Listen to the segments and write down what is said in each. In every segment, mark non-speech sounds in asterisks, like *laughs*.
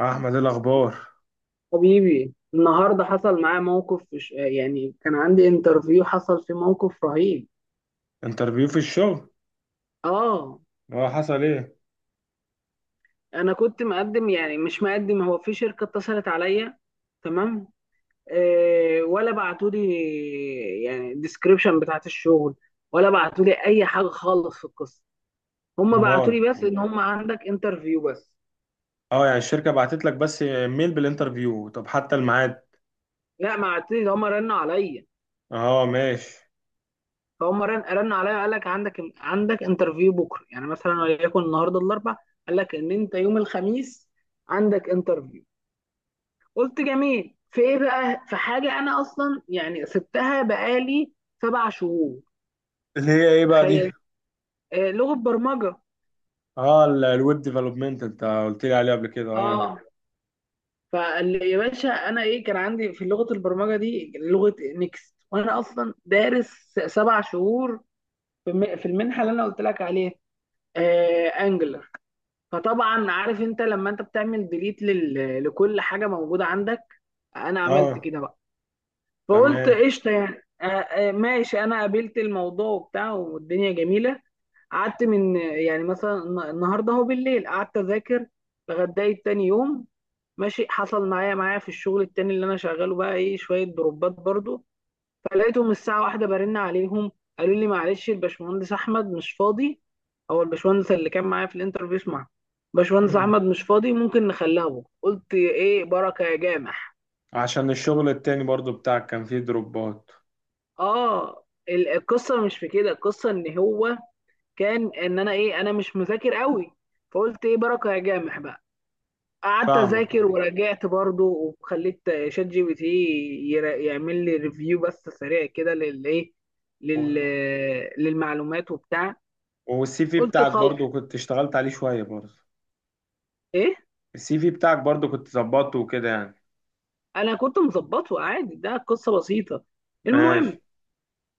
احمد، إيه الاخبار؟ حبيبي النهارده حصل معايا موقف يعني كان عندي انترفيو حصل فيه موقف رهيب. انترفيو في الشغل؟ اه، اه، حصل ايه؟ انا كنت مقدم، يعني مش مقدم، هو في شركه اتصلت عليا، تمام. آه، ولا بعتوا لي يعني الديسكريبشن بتاعت الشغل، ولا بعتوا لي اي حاجه خالص في القصه. هم امال. بعتوا لي بس ان هم عندك انترفيو بس. اه، يعني الشركه بعتت لك بس ميل بالانترفيو، طب حتى الميعاد. لا، ما بعتوا لي، هم رنوا عليا. اه، ماشي. فهم رن عليا، قال لك عندك انترفيو بكره يعني مثلا وليكن النهارده الاربع. قال لك ان انت يوم الخميس عندك انترفيو. قلت جميل، في ايه بقى؟ في حاجه، انا اصلا يعني سبتها بقالي 7 شهور. اللي هي ايه بقى دي؟ تخيل. آه، لغه برمجه. اه، الويب ديفلوبمنت انت قلت لي عليه قبل كده، اه. اه، فقال لي يا باشا انا ايه كان عندي في لغه البرمجه دي لغه نيكست، وانا اصلا دارس 7 شهور في المنحه اللي انا قلت لك عليها، آه، انجلر. فطبعا عارف انت لما انت بتعمل ديليت لكل حاجه موجوده عندك، انا عملت اه، كده بقى. فقلت تمام. قشطه يعني، ماشي، انا قابلت الموضوع وبتاع والدنيا جميله. قعدت من يعني مثلا النهارده هو بالليل، قعدت اذاكر لغايه تاني يوم. ماشي. حصل معايا في الشغل التاني اللي انا شغاله بقى ايه شويه دروبات برضو، فلقيتهم الساعة 1 برن عليهم. قالوا لي معلش الباشمهندس أحمد مش فاضي. هو الباشمهندس اللي كان معايا في الانترفيو، اسمع. باشمهندس مم. أحمد مش فاضي، ممكن نخليه بكرة؟ قلت إيه بركة يا جامح. عشان الشغل التاني برضو بتاعك كان فيه دروبات؟ آه، القصة مش في كده، القصة إن هو كان إن أنا إيه، أنا مش مذاكر قوي. فقلت إيه بركة يا جامح بقى. قعدت فاهمك، أذاكر اه. ورجعت برضه، وخليت شات جي بي تي يعمل لي ريفيو بس سريع كده للإيه، لل... و- للمعلومات وبتاع. والسي في قلت بتاعك خلاص، برضو كنت اشتغلت عليه شويه برضو. ايه، السي في بتاعك برضو كنت ظبطته وكده يعني. انا كنت مظبطه عادي، ده قصه بسيطه. ماشي. المهم،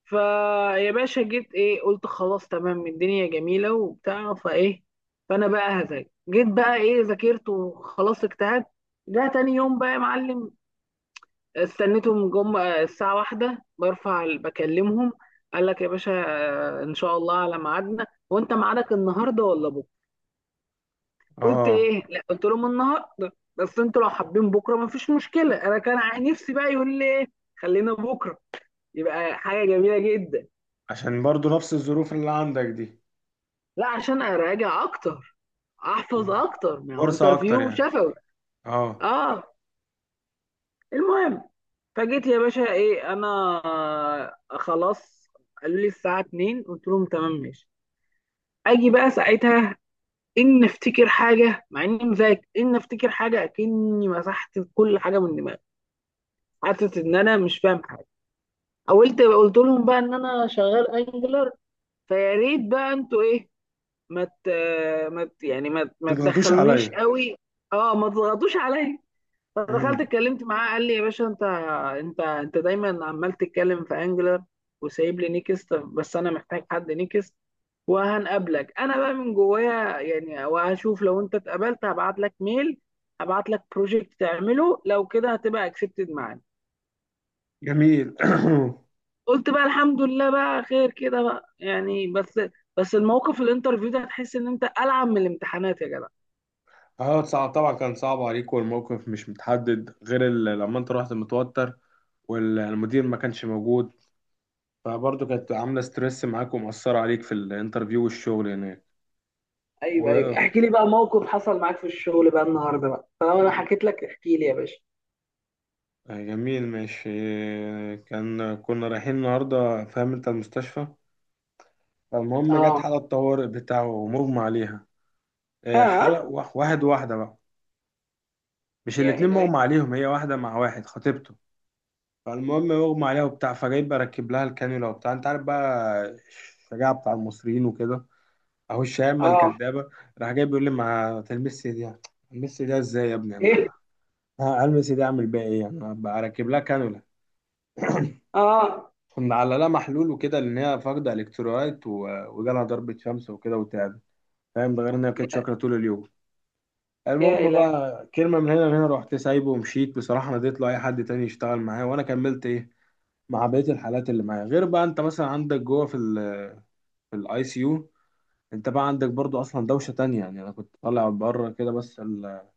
فيا باشا جيت ايه، قلت خلاص تمام، الدنيا جميله وبتاع فايه. فانا بقى هذاكر، جيت بقى ايه، ذاكرت وخلاص اجتهدت. ده تاني يوم بقى يا معلم. استنيتهم، جم الساعه 1، بكلمهم. قال لك يا باشا، ان شاء الله على ميعادنا، وانت ميعادك النهارده ولا بكره؟ قلت اه، ايه، لا، قلت لهم النهارده، بس انتوا لو حابين بكره مفيش مشكله، انا كان نفسي بقى يقول لي ايه خلينا بكره، يبقى حاجه جميله جدا. عشان برضو نفس الظروف اللي عندك دي. لا، عشان اراجع اكتر، احفظ مم. اكتر، ما هو فرصة أكتر انترفيو يعني. شفوي. اه. اه. المهم، فجيت يا باشا ايه انا خلاص، قالوا لي الساعه 2، قلت لهم تمام ماشي. اجي بقى ساعتها، ان افتكر حاجه مع اني مذاكر، ان افتكر حاجه اكني مسحت كل حاجه من دماغي، حاسس ان انا مش فاهم حاجه. قلت لهم بقى ان انا شغال انجلر، فيا ريت بقى انتوا ايه ما مت، ما ت- يعني ما ت- ما تضغطوش تدخلونيش عليا. قوي. اه، ما تضغطوش عليا. فدخلت مم. اتكلمت معاه، قال لي يا باشا انت، انت دايما عمال تتكلم في انجلر، وسايب لي نيكست، بس انا محتاج حد نيكست، وهنقابلك انا بقى من جوايا يعني، وهشوف لو انت اتقبلت هبعت لك ميل، هبعت لك بروجكت تعمله، لو كده هتبقى اكسبتد معانا. جميل. *coughs* قلت بقى الحمد لله بقى، خير كده بقى يعني. بس الموقف الانترفيو ده هتحس ان انت ألعب من الامتحانات يا جدع. *clears throat* اه، صعب طبعا، كان صعب عليك. والموقف مش متحدد غير لما انت رحت متوتر والمدير ما كانش موجود، فبرضه كانت عاملة ستريس معاك ومأثرة عليك في الانترفيو والشغل هناك. ايوه و... ايوه، احكي لي بقى موقف حصل معاك في الشغل بقى النهارده بقى، طالما انا حكيت لك احكي لي يا باشا. جميل، ماشي. كان كنا رايحين النهاردة، فاهم انت، المستشفى. فالمهم جت اه. حالة طوارئ بتاعه ومغمى عليها. اه. حلقة واحد واحدة بقى، مش يا الاتنين الهي. مغمى عليهم، هي واحدة مع واحد خطيبته. فالمهم مغمى عليها وبتاع، فجاي بركب لها الكانيولا وبتاع، انت عارف بقى الشجاعة بتاع المصريين وكده، اهو الشهامة اه. الكدابة. راح جاي بيقول لي: ما تلمس دي. تلمس دي ازاي يا ابني؟ ايه. انا هلمس دي اعمل بيها ايه؟ انا بركب لها كانيولا. اه. كنا على لها محلول وكده لان هي فاقدة الكترولايت وجالها ضربة شمس وكده وتعبت، فاهم؟ ده غير ان هي كانت يا شاكرة طول اليوم. يا المهم الهي. بقى، كلمة من هنا لهنا رحت سايبه ومشيت، بصراحة نديت له أي حد تاني يشتغل معايا وأنا كملت إيه مع بقية الحالات اللي معايا. غير بقى أنت مثلا عندك جوه في الأي سي يو. أنت بقى عندك برضو أصلا دوشة تانية، يعني أنا كنت طالع بره كده بس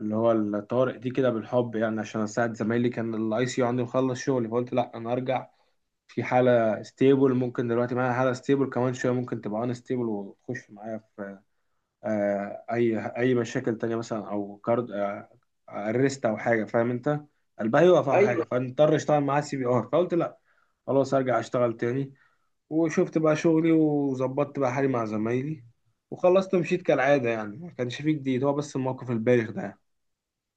اللي هو الطوارئ دي كده بالحب، يعني عشان أساعد زمايلي. كان الأي سي يو عندي مخلص شغلي، فقلت لأ أنا أرجع، في حالة ستيبل. ممكن دلوقتي معايا حالة ستيبل كمان شوية ممكن تبقى أن ستيبل وتخش معايا، اي مشاكل تانية مثلا، او كارد ارست او حاجه، فاهم انت، قلبها يوقف او حاجه، ايوه. فنضطر اشتغل معاه سي بي ار. فقلت لا، خلاص ارجع اشتغل تاني. وشفت بقى شغلي وظبطت بقى حالي مع زمايلي، وخلصت ومشيت كالعاده، يعني ما كانش فيه جديد، هو بس الموقف البايخ ده يعني.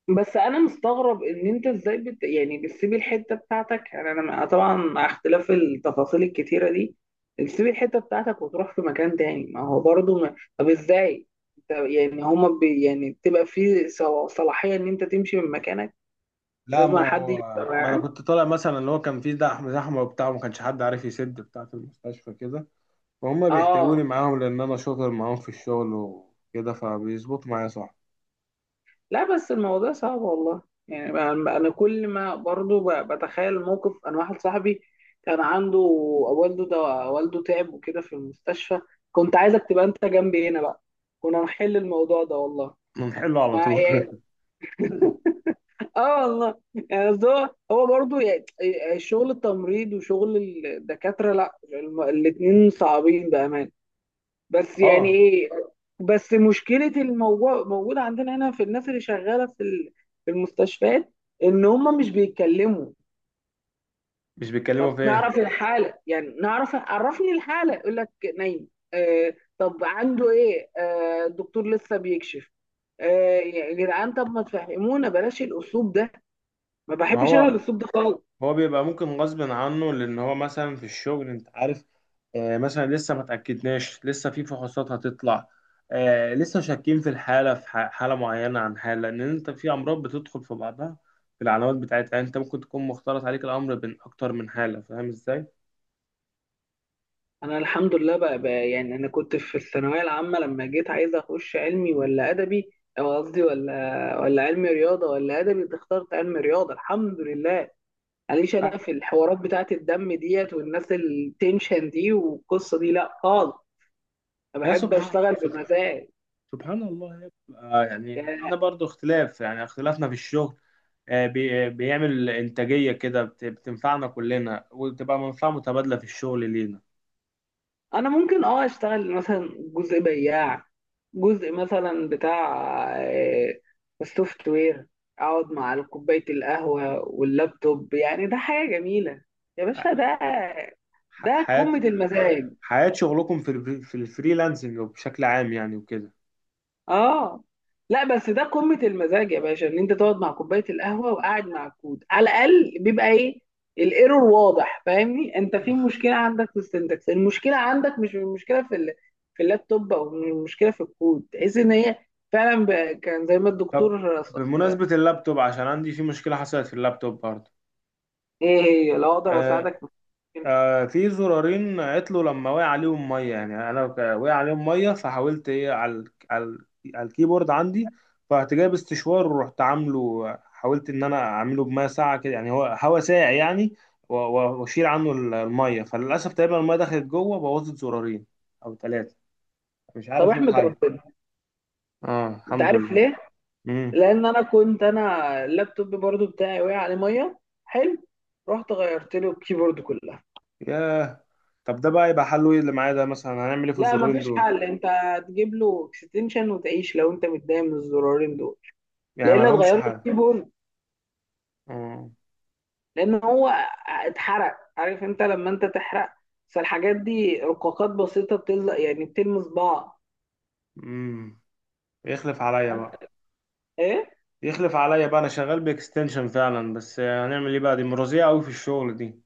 بس انا مستغرب ان انت ازاي يعني بتسيب الحته بتاعتك، يعني انا طبعا مع اختلاف التفاصيل الكتيره دي بتسيب الحته بتاعتك وتروح في مكان تاني، ما هو برضه ما... طب ازاي انت يعني هما يعني تبقى في صلاحيه ان انت تمشي من مكانك؟ مش لا، لازم ما حد هو يبقى ما انا معاك؟ كنت طالع، مثلا اللي هو كان فيه زحمه زحمه وبتاع، وما كانش حد عارف يسد بتاع في المستشفى كده، فهم اه. بيحتاجوني معاهم لان انا شاطر معاهم في الشغل وكده فبيظبطوا معايا، صح. لا بس الموضوع صعب والله. يعني أنا كل ما برضو بتخيل موقف، انا واحد صاحبي كان عنده والده ده، والده تعب وكده في المستشفى، كنت عايزك تبقى انت جنبي هنا بقى، كنا نحل الموضوع ده والله. بنحله على مع طول. يعني *laughs* اه والله. يعني أصل هو برضه يعني، شغل التمريض وشغل الدكاترة، لا الاتنين صعبين بأمانة، بس *laughs* يعني اه. ايه. بس مشكله الموضوع موجوده عندنا هنا في الناس اللي شغاله في في المستشفيات، ان هم مش بيتكلموا. مش بيتكلموا طب في ايه؟ نعرف الحاله يعني، نعرف، عرفني الحاله، يقول لك نايم. آه. طب عنده ايه؟ آه، الدكتور لسه بيكشف. آه يا جدعان، طب ما تفهمونا، بلاش الاسلوب ده، ما ما بحبش انا هو الاسلوب ده خالص. هو بيبقى ممكن غصب عنه، لان هو مثلا في الشغل انت عارف، آه مثلا لسه ما تاكدناش، لسه في فحوصات هتطلع، آه لسه شاكين في الحاله، في حاله معينه عن حاله، لان انت في امراض بتدخل في بعضها في العلامات بتاعتها. يعني انت ممكن تكون مختلط عليك الامر بين اكتر من حاله، فاهم ازاي؟ انا الحمد لله بقى، يعني، انا كنت في الثانويه العامه لما جيت عايز اخش علمي ولا ادبي، او قصدي ولا علمي رياضه ولا ادبي، كنت اخترت علمي رياضه الحمد لله. معليش، آه، انا في الحوارات بتاعت الدم ديت والناس التنشن دي والقصه دي لا خالص، انا يا بحب سبحان اشتغل سبحان، بمزاج. سبحان الله يا ابني. آه، يعني يعني احنا برضو اختلاف، يعني اختلافنا في الشغل بيعمل انتاجية كده، بتنفعنا كلنا وتبقى منفعة متبادلة في الشغل لينا. انا ممكن اه اشتغل مثلا جزء بياع، جزء مثلا بتاع السوفت وير، اقعد مع كوبايه القهوه واللابتوب، يعني ده حاجه جميله يا باشا، آه، ده ده حياة. قمه المزاج. حياة شغلكم في في الفريلانسنج بشكل عام، يعني وكده. اه. لا بس ده قمة المزاج يا باشا ان انت تقعد مع كوباية القهوة وقاعد مع الكود، على الاقل بيبقى ايه، الايرور واضح، فاهمني انت؟ في مشكلة عندك في السنتكس، المشكلة عندك مش المشكلة في اللابتوب، او المشكلة في الكود، تحس ان هي فعلا كان زي ما طب الدكتور بمناسبة اللابتوب، عشان عندي في مشكلة حصلت في اللابتوب ايه، هي لو اقدر برضه. اساعدك في المشكلة. في زرارين عطلوا لما وقع عليهم ميه، يعني انا وقع عليهم ميه، فحاولت ايه على على الكيبورد عندي. فرحت جايب استشوار ورحت عامله، حاولت ان انا اعمله بميه ساقعه كده، يعني هو هوا ساقع يعني، واشيل عنه الميه. فللاسف تقريبا الميه دخلت جوه، بوظت زرارين او ثلاثه، مش طب عارف ايه احمد الحل. ربنا. اه، انت الحمد عارف لله. ليه؟ امم. لان انا كنت، انا اللابتوب برضو بتاعي وقع عليه ميه، حلو، رحت غيرت له الكيبورد كله. ياه. طب ده بقى يبقى حله ايه؟ اللي معايا ده مثلا هنعمل ايه في لا الزرارين مفيش دول؟ حل، انت هتجيب له اكستنشن وتعيش لو انت متضايق من الزرارين دول. يعني لا ما الا لهمش تغير له حل؟ الكيبورد، امم. لان هو اتحرق. عارف انت لما انت تحرق، فالحاجات دي رقاقات بسيطه بتلزق يعني بتلمس بعض. يخلف عليا وانت بقى. ايه، يخلف عليا بقى، انا شغال باكستنشن فعلا، بس هنعمل ايه بقى، دي مرضيه قوي في الشغل دي.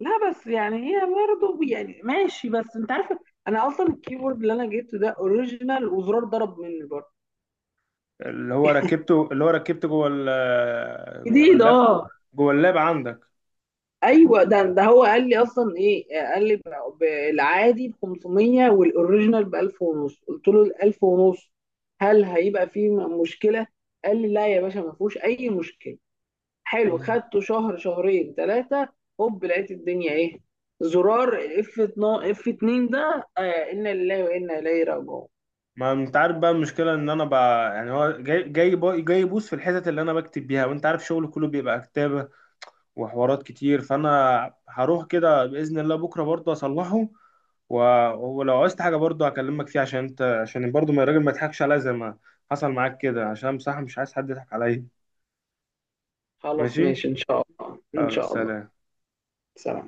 لا بس يعني هي برضه يعني ماشي، بس انت عارف، انا اصلا الكيبورد اللي انا جبته ده اوريجينال وزرار ضرب مني برضه اللي هو ركبته جوه جديد. اللاب. اه. جوه اللاب عندك. ايوه، ده هو قال لي اصلا ايه، قال لي ب- العادي ب 500 والاوريجينال ب 1000 ونص، قلت له ال 1000 ونص هل هيبقى فيه مشكله؟ قال لي لا يا باشا ما فيهوش اي مشكله. حلو، مم. خدته شهر شهرين ثلاثه، هوب لقيت الدنيا ايه، زرار اف 12 اف 2 ده، آه، انا لله وانا اليه راجعون. ما انت عارف بقى المشكله ان انا بقى، يعني هو جاي يبوظ في الحتت اللي انا بكتب بيها، وانت عارف شغلي كله بيبقى كتابه وحوارات كتير. فانا هروح كده باذن الله بكره برضه اصلحه. و... ولو عايزت حاجه برضه هكلمك فيها، عشان انت، عشان برضه ما الراجل ما يضحكش عليا زي ما حصل معاك كده، عشان بصراحه مش عايز حد يضحك عليا. خلاص ماشي. ماشي ان شاء الله ان خلاص، شاء الله. سلام. سلام.